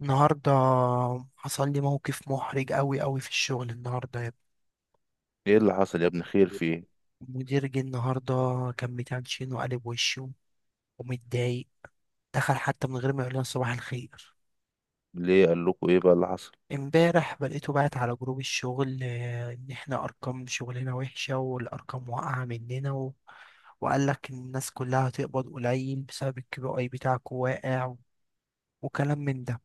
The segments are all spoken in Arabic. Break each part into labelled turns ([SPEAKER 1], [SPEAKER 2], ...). [SPEAKER 1] النهاردة حصل لي موقف محرج أوي أوي في الشغل النهاردة يا ابني.
[SPEAKER 2] ايه اللي حصل يا ابني؟ خير فيه؟
[SPEAKER 1] المدير جه النهاردة، كان متنشن وقالب وشه ومتضايق. دخل حتى من غير ما يقول لنا صباح الخير.
[SPEAKER 2] ليه؟ قال لكم ايه بقى اللي حصل؟
[SPEAKER 1] امبارح بلقيته بعت على جروب الشغل، إن احنا أرقام شغلنا وحشة والأرقام واقعة مننا وقال لك إن الناس كلها هتقبض قليل بسبب الكي بي أي بتاعكوا واقع، وكلام من ده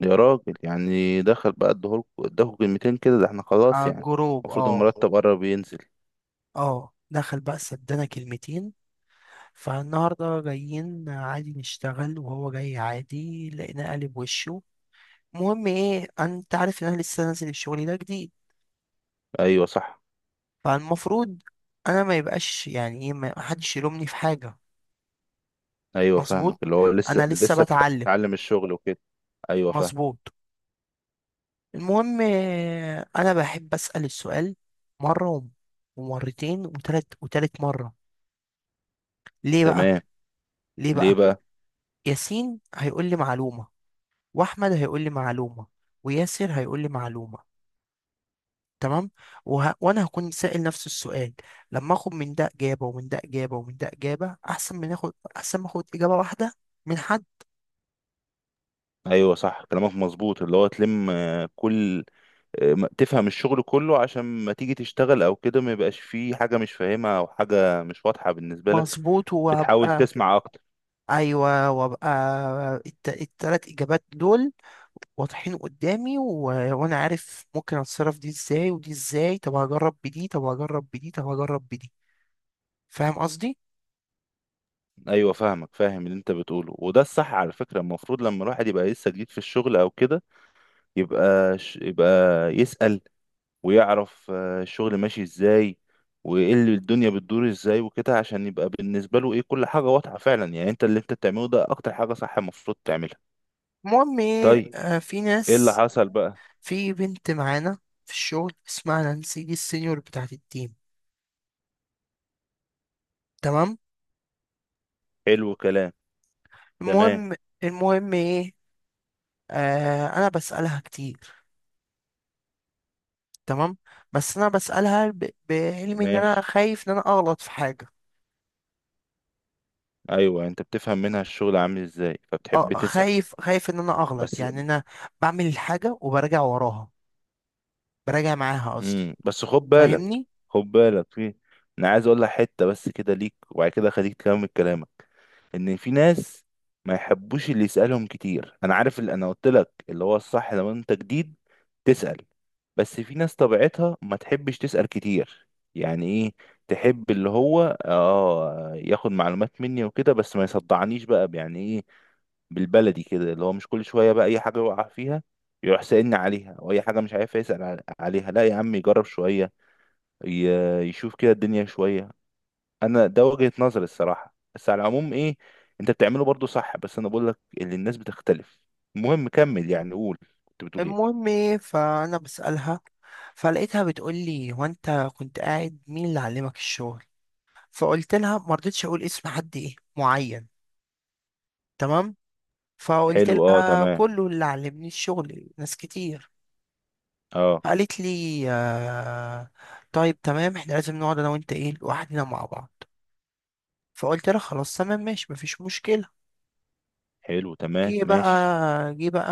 [SPEAKER 2] يا راجل، يعني دخل بقى ادهولكوا اداكوا كلمتين كده، ده احنا خلاص
[SPEAKER 1] على
[SPEAKER 2] يعني.
[SPEAKER 1] الجروب،
[SPEAKER 2] المفروض
[SPEAKER 1] اه.
[SPEAKER 2] المرتب قرب ينزل.
[SPEAKER 1] اه دخل بقى سدنا كلمتين. فالنهارده جايين عادي نشتغل، وهو جاي عادي لقيناه قالب وشه. المهم ايه، انت عارف ان انا لسه نازل الشغل ده جديد،
[SPEAKER 2] ايوه صح.
[SPEAKER 1] فالمفروض انا ما يبقاش يعني ايه، ما حدش يلومني في حاجه.
[SPEAKER 2] ايوه
[SPEAKER 1] مظبوط،
[SPEAKER 2] فاهمك، اللي هو لسه
[SPEAKER 1] انا لسه
[SPEAKER 2] لسه
[SPEAKER 1] بتعلم.
[SPEAKER 2] بتتعلم الشغل وكده. ايوه فاهم.
[SPEAKER 1] مظبوط. المهم انا بحب اسال السؤال مره ومرتين وتلت وتالت مره. ليه بقى؟
[SPEAKER 2] تمام.
[SPEAKER 1] ليه
[SPEAKER 2] ليه
[SPEAKER 1] بقى؟
[SPEAKER 2] بقى؟
[SPEAKER 1] ياسين هيقول لي معلومه، واحمد هيقول لي معلومه، وياسر هيقول لي معلومه، تمام. وانا هكون سائل نفس السؤال، لما اخد من ده اجابه ومن ده اجابه ومن ده اجابه، احسن من اخد، احسن ما اخد اجابه واحده من حد.
[SPEAKER 2] ايوه صح، كلامك مظبوط، اللي هو تلم كل، تفهم الشغل كله عشان ما تيجي تشتغل او كده ما يبقاش فيه حاجه مش فاهمها او حاجه مش واضحه بالنسبه لك.
[SPEAKER 1] مظبوط
[SPEAKER 2] بتحاول
[SPEAKER 1] وابقى،
[SPEAKER 2] تسمع اكتر.
[SPEAKER 1] ايوه وابقى التلات اجابات دول واضحين قدامي وانا عارف ممكن اتصرف دي ازاي ودي ازاي، طب هجرب بدي، طب هجرب بدي، طب هجرب بدي، فاهم قصدي.
[SPEAKER 2] ايوه فاهمك، فاهم اللي انت بتقوله، وده الصح على فكره. المفروض لما الواحد يبقى لسه جديد في الشغل او كده يبقى يسأل ويعرف الشغل ماشي ازاي وايه اللي الدنيا بتدور ازاي وكده، عشان يبقى بالنسبه له ايه كل حاجه واضحه فعلا، يعني انت اللي انت بتعمله ده اكتر حاجه صح المفروض تعملها.
[SPEAKER 1] المهم
[SPEAKER 2] طيب،
[SPEAKER 1] ايه، في
[SPEAKER 2] ايه اللي
[SPEAKER 1] ناس،
[SPEAKER 2] حصل بقى؟
[SPEAKER 1] في بنت معانا في الشغل اسمها نانسي، دي السينيور بتاعت التيم، تمام.
[SPEAKER 2] حلو كلام. تمام
[SPEAKER 1] المهم المهم ايه، آه انا بسألها كتير، تمام. بس انا بسألها بعلمي ان انا
[SPEAKER 2] ماشي.
[SPEAKER 1] خايف ان انا اغلط في حاجة.
[SPEAKER 2] ايوه انت بتفهم منها الشغل عامل ازاي
[SPEAKER 1] اه
[SPEAKER 2] فبتحب تسأل.
[SPEAKER 1] خايف، خايف ان انا اغلط،
[SPEAKER 2] بس.
[SPEAKER 1] يعني انا بعمل الحاجة وبراجع وراها، براجع معاها قصدي.
[SPEAKER 2] بس خد
[SPEAKER 1] مم.
[SPEAKER 2] بالك،
[SPEAKER 1] فاهمني؟
[SPEAKER 2] خد بالك، في، انا عايز اقول لك حته بس كده ليك وبعد كده خليك تكمل كلامك. ان في ناس ما يحبوش اللي يسالهم كتير. انا عارف اللي انا قلت لك اللي هو الصح لما انت جديد تسال، بس في ناس طبيعتها ما تحبش تسال كتير. يعني ايه؟ تحب اللي هو ياخد معلومات مني وكده بس ما يصدعنيش بقى، يعني ايه بالبلدي كده؟ اللي هو مش كل شوية بقى أي حاجة يقع فيها يروح سألني عليها، أو أي حاجة مش عارف يسأل عليها، لا يا عم يجرب شوية، يشوف كده الدنيا شوية. أنا ده وجهة نظري الصراحة، بس على العموم إيه، أنت بتعمله برضو صح، بس أنا بقول لك اللي الناس بتختلف. المهم كمل، يعني قول. كنت بتقول إيه؟
[SPEAKER 1] المهم ايه، فانا بسألها، فلقيتها بتقول لي هو انت كنت قاعد مين اللي علمك الشغل؟ فقلت لها، ما رضيتش اقول اسم حد ايه معين، تمام، فقلت
[SPEAKER 2] حلو، أه
[SPEAKER 1] لها
[SPEAKER 2] تمام.
[SPEAKER 1] كله، اللي علمني الشغل ناس كتير.
[SPEAKER 2] أه.
[SPEAKER 1] قالت لي آه، طيب تمام، احنا لازم نقعد انا وانت ايه لوحدنا مع بعض، فقلت لها خلاص تمام ماشي مفيش مشكلة.
[SPEAKER 2] حلو، تمام
[SPEAKER 1] جه بقى،
[SPEAKER 2] ماشي.
[SPEAKER 1] جه بقى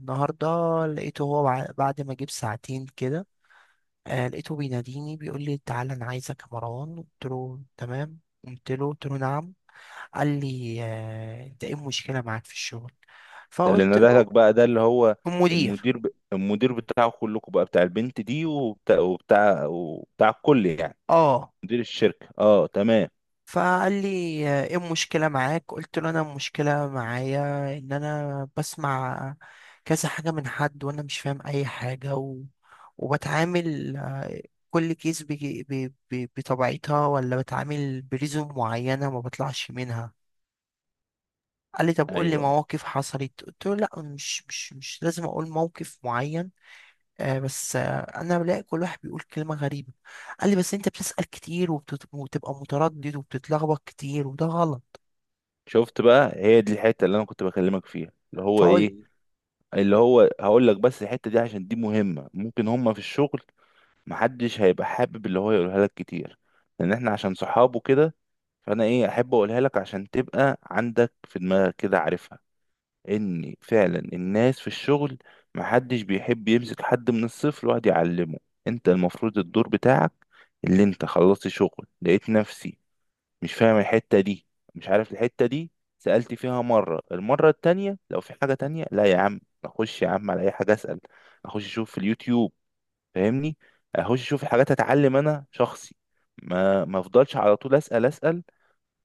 [SPEAKER 1] النهاردة، لقيته هو بعد ما جه بساعتين كده، آه لقيته بيناديني، بيقول لي تعالى انا عايزك يا مروان، قلت له تمام. قمت له قلت له نعم. قال لي آه، انت ايه المشكلة معاك في الشغل؟
[SPEAKER 2] ده اللي
[SPEAKER 1] فقلت
[SPEAKER 2] نده
[SPEAKER 1] له،
[SPEAKER 2] لك بقى، ده اللي هو
[SPEAKER 1] المدير،
[SPEAKER 2] المدير، المدير بتاعه كلكم بقى، بتاع البنت دي وبتاع وبتاع وبتاع الكل يعني.
[SPEAKER 1] اه.
[SPEAKER 2] مدير الشركة، اه تمام.
[SPEAKER 1] فقال لي ايه المشكلة معاك؟ قلت له انا المشكلة معايا ان انا بسمع كذا حاجة من حد وانا مش فاهم اي حاجة وبتعامل، كل كيس بطبيعتها، ولا بتعامل بريزم معينة ما بطلعش منها. قال لي طب قول لي
[SPEAKER 2] ايوه.
[SPEAKER 1] مواقف حصلت، قلت له لا، مش لازم اقول موقف معين، آه بس انا بلاقي كل واحد بيقول كلمة غريبة. قال لي بس انت بتسأل كتير، وبتبقى متردد وبتتلخبط كتير، وده غلط.
[SPEAKER 2] شفت بقى؟ هي دي الحتة اللي انا كنت بكلمك فيها، اللي هو
[SPEAKER 1] فهو
[SPEAKER 2] ايه، اللي هو هقول لك بس الحتة دي عشان دي مهمة. ممكن هما في الشغل محدش هيبقى حابب اللي هو يقولها لك كتير لان احنا عشان صحابه كده. فانا ايه احب اقولها لك عشان تبقى عندك في دماغك كده عارفها، ان فعلا الناس في الشغل محدش بيحب يمسك حد من الصفر ويقعد يعلمه. انت المفروض الدور بتاعك، اللي انت خلصت شغل لقيت نفسي مش فاهم الحتة دي، مش عارف الحتة دي، سألت فيها مرة، المرة التانية لو في حاجة تانية لا يا عم. أخش يا عم على أي حاجة أسأل، أخش أشوف في اليوتيوب، فاهمني؟ أخش أشوف الحاجات أتعلم أنا شخصي، ما أفضلش على طول أسأل أسأل.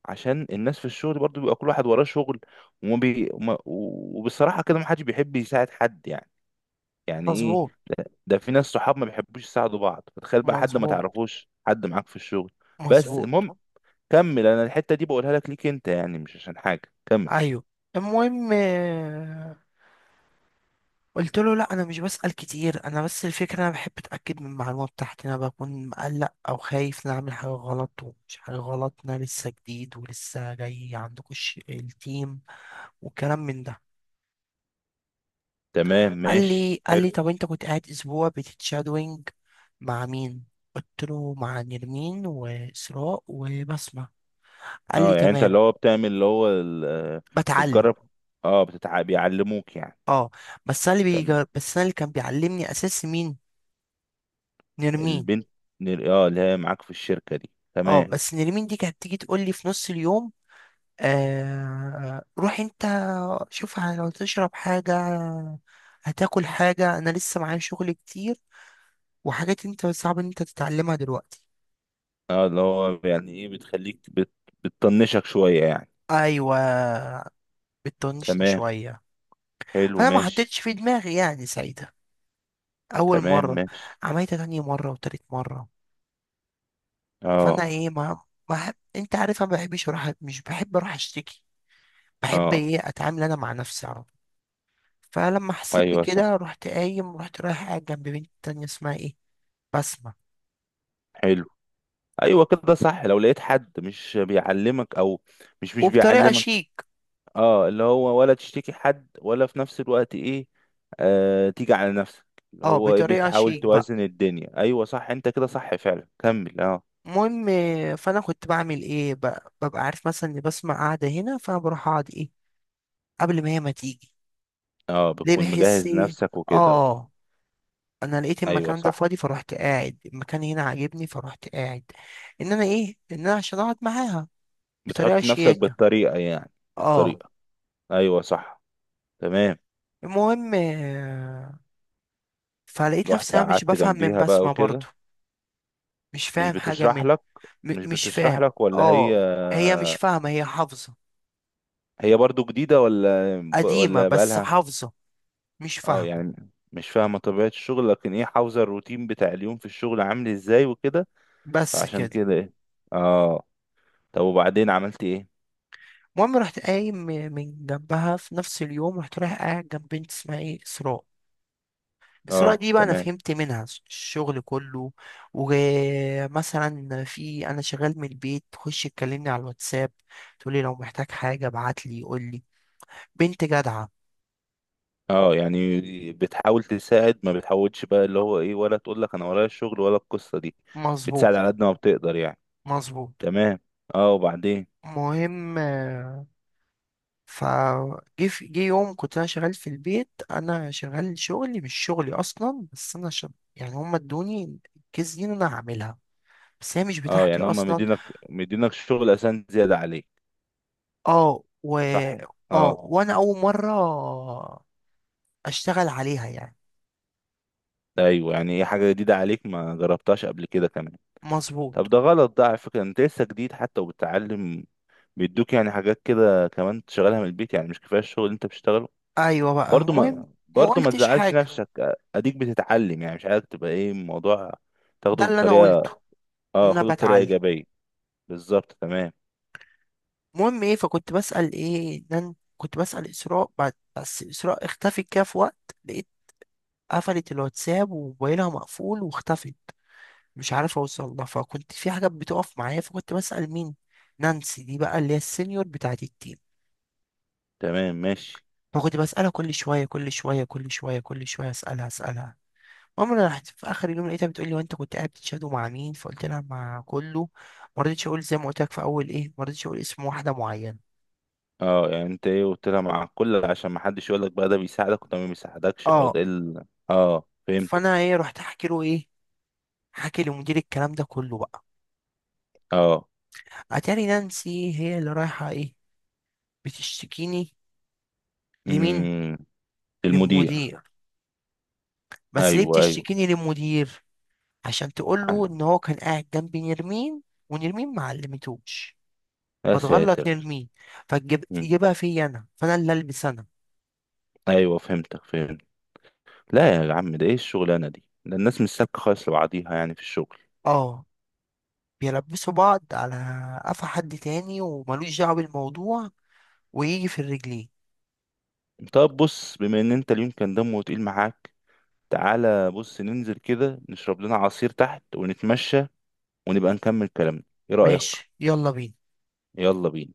[SPEAKER 2] عشان الناس في الشغل برضو بيبقى كل واحد وراه شغل، وبصراحة كده ما حدش بيحب يساعد حد، يعني يعني إيه؟
[SPEAKER 1] مظبوط،
[SPEAKER 2] ده في ناس صحاب ما بيحبوش يساعدوا بعض، فتخيل بقى حد ما
[SPEAKER 1] مظبوط،
[SPEAKER 2] تعرفوش، حد معاك في الشغل. بس
[SPEAKER 1] مظبوط،
[SPEAKER 2] المهم كمل. انا الحتة دي بقولها لك ليك انت يعني، مش عشان حاجة، كمل.
[SPEAKER 1] ايوه. المهم قلت له لا انا مش بسأل كتير، انا بس الفكره انا بحب اتاكد من المعلومه بتاعتي، انا بكون مقلق او خايف ان أنا اعمل حاجه غلط، ومش حاجه غلط إن انا لسه جديد ولسه جاي عندكم التيم، وكلام من ده.
[SPEAKER 2] تمام
[SPEAKER 1] قال
[SPEAKER 2] ماشي،
[SPEAKER 1] لي قال
[SPEAKER 2] حلو.
[SPEAKER 1] لي طب انت كنت قاعد اسبوع بتتشادوينج مع مين؟ قلت له مع نرمين واسراء وبسمة، قال لي
[SPEAKER 2] اه يعني انت اللي
[SPEAKER 1] تمام.
[SPEAKER 2] هو بتعمل اللي هو،
[SPEAKER 1] بتعلم
[SPEAKER 2] بتجرب. اه، بيعلموك يعني.
[SPEAKER 1] اه.
[SPEAKER 2] تمام.
[SPEAKER 1] بس انا اللي كان بيعلمني اساس مين؟ نرمين.
[SPEAKER 2] البنت، اه اللي هي معاك في الشركة دي،
[SPEAKER 1] اه
[SPEAKER 2] تمام.
[SPEAKER 1] بس نرمين دي كانت تيجي تقول لي في نص اليوم، روح انت، شوف لو تشرب حاجة، هتاكل حاجة، انا لسه معايا شغل كتير وحاجات انت صعب ان انت تتعلمها دلوقتي.
[SPEAKER 2] اه اللي هو يعني ايه، بتخليك بتطنشك شوية يعني.
[SPEAKER 1] ايوه، بتطنشني
[SPEAKER 2] تمام،
[SPEAKER 1] شوية.
[SPEAKER 2] حلو
[SPEAKER 1] فانا ما
[SPEAKER 2] ماشي.
[SPEAKER 1] حطيتش في دماغي يعني ساعتها اول
[SPEAKER 2] تمام
[SPEAKER 1] مرة،
[SPEAKER 2] ماشي.
[SPEAKER 1] عملتها تاني مرة وتالت مرة. فانا
[SPEAKER 2] اه.
[SPEAKER 1] ايه، ما ما أحب- انت عارف أنا ما بحبش اروح، مش بحب اروح اشتكي، بحب
[SPEAKER 2] اه.
[SPEAKER 1] ايه اتعامل انا مع نفسي على طول. فلما حسيت
[SPEAKER 2] ايوه صح.
[SPEAKER 1] بكده رحت قايم، رحت رايح قاعد جنب بنت تانية اسمها ايه، بسمة،
[SPEAKER 2] حلو. ايوه كده صح، لو لقيت حد مش بيعلمك او مش
[SPEAKER 1] وبطريقة
[SPEAKER 2] بيعلمك،
[SPEAKER 1] شيك.
[SPEAKER 2] اه اللي هو ولا تشتكي حد ولا في نفس الوقت ايه، آه تيجي على نفسك، اللي
[SPEAKER 1] اه،
[SPEAKER 2] هو ايه
[SPEAKER 1] بطريقة
[SPEAKER 2] بتحاول
[SPEAKER 1] شيك بقى.
[SPEAKER 2] توازن الدنيا. ايوه صح، انت كده صح فعلا، كمل اه.
[SPEAKER 1] المهم فانا كنت بعمل ايه بقى، ببقى عارف مثلا ان بسمة قاعدة هنا، فانا بروح اقعد ايه قبل ما هي ما تيجي،
[SPEAKER 2] اه
[SPEAKER 1] ليه؟
[SPEAKER 2] بتكون
[SPEAKER 1] بحس
[SPEAKER 2] مجهز
[SPEAKER 1] ايه،
[SPEAKER 2] نفسك وكده.
[SPEAKER 1] اه انا لقيت
[SPEAKER 2] ايوه
[SPEAKER 1] المكان ده
[SPEAKER 2] صح.
[SPEAKER 1] فاضي فروحت قاعد، المكان هنا عاجبني فروحت قاعد، ان انا ايه، ان انا عشان اقعد معاها بطريقة
[SPEAKER 2] بتحط نفسك
[SPEAKER 1] شياكة،
[SPEAKER 2] بالطريقة يعني،
[SPEAKER 1] اه.
[SPEAKER 2] بالطريقة. ايوه صح، تمام.
[SPEAKER 1] المهم، فلقيت
[SPEAKER 2] رحت
[SPEAKER 1] نفسي انا مش
[SPEAKER 2] قعدت
[SPEAKER 1] بفهم من
[SPEAKER 2] جنبيها بقى
[SPEAKER 1] بسمة برضو،
[SPEAKER 2] وكده.
[SPEAKER 1] مش
[SPEAKER 2] مش
[SPEAKER 1] فاهم حاجة
[SPEAKER 2] بتشرح
[SPEAKER 1] من،
[SPEAKER 2] لك. مش
[SPEAKER 1] مش
[SPEAKER 2] بتشرح
[SPEAKER 1] فاهم،
[SPEAKER 2] لك ولا هي.
[SPEAKER 1] اه. هي مش فاهمة، هي حافظة،
[SPEAKER 2] هي برضو جديدة ولا.
[SPEAKER 1] قديمة
[SPEAKER 2] ولا
[SPEAKER 1] بس
[SPEAKER 2] بقالها.
[SPEAKER 1] حافظة، مش
[SPEAKER 2] اه
[SPEAKER 1] فاهمة،
[SPEAKER 2] يعني مش فاهمة طبيعة الشغل لكن ايه، حافظة الروتين بتاع اليوم في الشغل عامل ازاي وكده.
[SPEAKER 1] بس
[SPEAKER 2] فعشان
[SPEAKER 1] كده.
[SPEAKER 2] كده ايه. اه. طب وبعدين عملت ايه؟
[SPEAKER 1] المهم رحت قايم من جنبها في نفس اليوم، رحت رايح قاعد جنب بنت اسمها ايه، اسراء. اسراء
[SPEAKER 2] اه
[SPEAKER 1] دي بقى انا
[SPEAKER 2] تمام.
[SPEAKER 1] فهمت منها الشغل كله، ومثلا في انا شغال من البيت تخش تكلمني على الواتساب، تقولي لو محتاج حاجة ابعت لي قول لي، بنت جدعة.
[SPEAKER 2] اه يعني بتحاول تساعد ما بتحاولش بقى اللي هو ايه، ولا تقول لك انا ورايا الشغل ولا القصة دي.
[SPEAKER 1] مظبوط،
[SPEAKER 2] بتساعد
[SPEAKER 1] صح،
[SPEAKER 2] على قد ما بتقدر يعني.
[SPEAKER 1] مظبوط.
[SPEAKER 2] تمام. اه وبعدين؟
[SPEAKER 1] مهم جه يوم كنت انا شغال في البيت، انا شغال شغلي مش شغلي اصلا، بس انا يعني هم ادوني الكيس دي إن انا هعملها، بس هي مش
[SPEAKER 2] اه
[SPEAKER 1] بتاعتي
[SPEAKER 2] يعني هم
[SPEAKER 1] اصلا.
[SPEAKER 2] مدينك، مدينك شغل اساسا زيادة عليك،
[SPEAKER 1] اه و
[SPEAKER 2] صح.
[SPEAKER 1] اه
[SPEAKER 2] اه.
[SPEAKER 1] وانا اول مره اشتغل عليها يعني.
[SPEAKER 2] ايوه يعني ايه، حاجة جديدة عليك ما جربتهاش قبل كده كمان.
[SPEAKER 1] مظبوط،
[SPEAKER 2] طب ده غلط ده على فكرة، انت لسه جديد حتى وبتتعلم، بيدوك يعني حاجات كده كمان تشغلها من البيت، يعني مش كفايه الشغل اللي انت بتشتغله.
[SPEAKER 1] ايوه بقى
[SPEAKER 2] برضو
[SPEAKER 1] المهم،
[SPEAKER 2] ما
[SPEAKER 1] ما
[SPEAKER 2] برضو ما
[SPEAKER 1] قلتش
[SPEAKER 2] تزعلش
[SPEAKER 1] حاجه،
[SPEAKER 2] نفسك، اديك بتتعلم، يعني مش عايزك تبقى ايه الموضوع، تاخده
[SPEAKER 1] ده اللي انا قلته،
[SPEAKER 2] بطريقه.
[SPEAKER 1] ان
[SPEAKER 2] اه
[SPEAKER 1] انا
[SPEAKER 2] خده بطريقه
[SPEAKER 1] بتعلم.
[SPEAKER 2] ايجابيه. بالظبط، تمام.
[SPEAKER 1] المهم ايه، فكنت بسال ايه، ان أنا كنت بسال اسراء بعد، بس اسراء اختفت كده في وقت، لقيت قفلت الواتساب وموبايلها مقفول واختفت، مش عارف اوصل لها، فكنت في حاجات بتقف معايا فكنت بسأل مين؟ نانسي دي بقى اللي هي السينيور بتاعت التيم.
[SPEAKER 2] تمام ماشي.
[SPEAKER 1] فكنت بسألها كل شوية كل شوية كل شوية كل شوية، أسألها أسألها. المهم أنا رحت في آخر اليوم لقيتها بتقول لي وأنت كنت قاعد بتشادو مع مين؟ فقلت لها مع كله، ما رضيتش أقول زي ما قلت لك في أول إيه، ما رضيتش أقول اسم واحدة معينة،
[SPEAKER 2] اه يعني انت ايه، قلت لها مع كل عشان ما حدش يقول لك بقى ده بيساعدك وده ما بيساعدكش او
[SPEAKER 1] أه.
[SPEAKER 2] ده ال... اه فهمت.
[SPEAKER 1] فأنا إيه رحت أحكي له إيه، حكي لمدير الكلام ده كله بقى.
[SPEAKER 2] اه.
[SPEAKER 1] أتاري نانسي هي اللي رايحة إيه، بتشتكيني، لمين؟
[SPEAKER 2] امم. المدير.
[SPEAKER 1] للمدير. بس ليه
[SPEAKER 2] ايوه ايوه.
[SPEAKER 1] بتشتكيني للمدير؟ عشان تقول له ان هو كان قاعد جنبي نرمين، ونرمين ما علمتوش،
[SPEAKER 2] يا
[SPEAKER 1] فتغلط
[SPEAKER 2] ساتر.
[SPEAKER 1] نرمين،
[SPEAKER 2] مم.
[SPEAKER 1] فتجيبها فيا انا، فانا اللي البس انا.
[SPEAKER 2] ايوه فهمتك، فهمت. لا يا عم، ده ايه الشغلانه دي، ده الناس مش سابكه خالص لبعضيها يعني في الشغل.
[SPEAKER 1] اه، بيلبسوا بعض على قفا حد تاني وملوش دعوه بالموضوع، ويجي في الرجلين.
[SPEAKER 2] طب بص، بما ان انت اليوم كان دمه تقيل معاك، تعالى بص ننزل كده نشرب لنا عصير تحت ونتمشى ونبقى نكمل كلامنا. ايه رايك؟
[SPEAKER 1] ماشي، يلا بينا.
[SPEAKER 2] يلا بينا.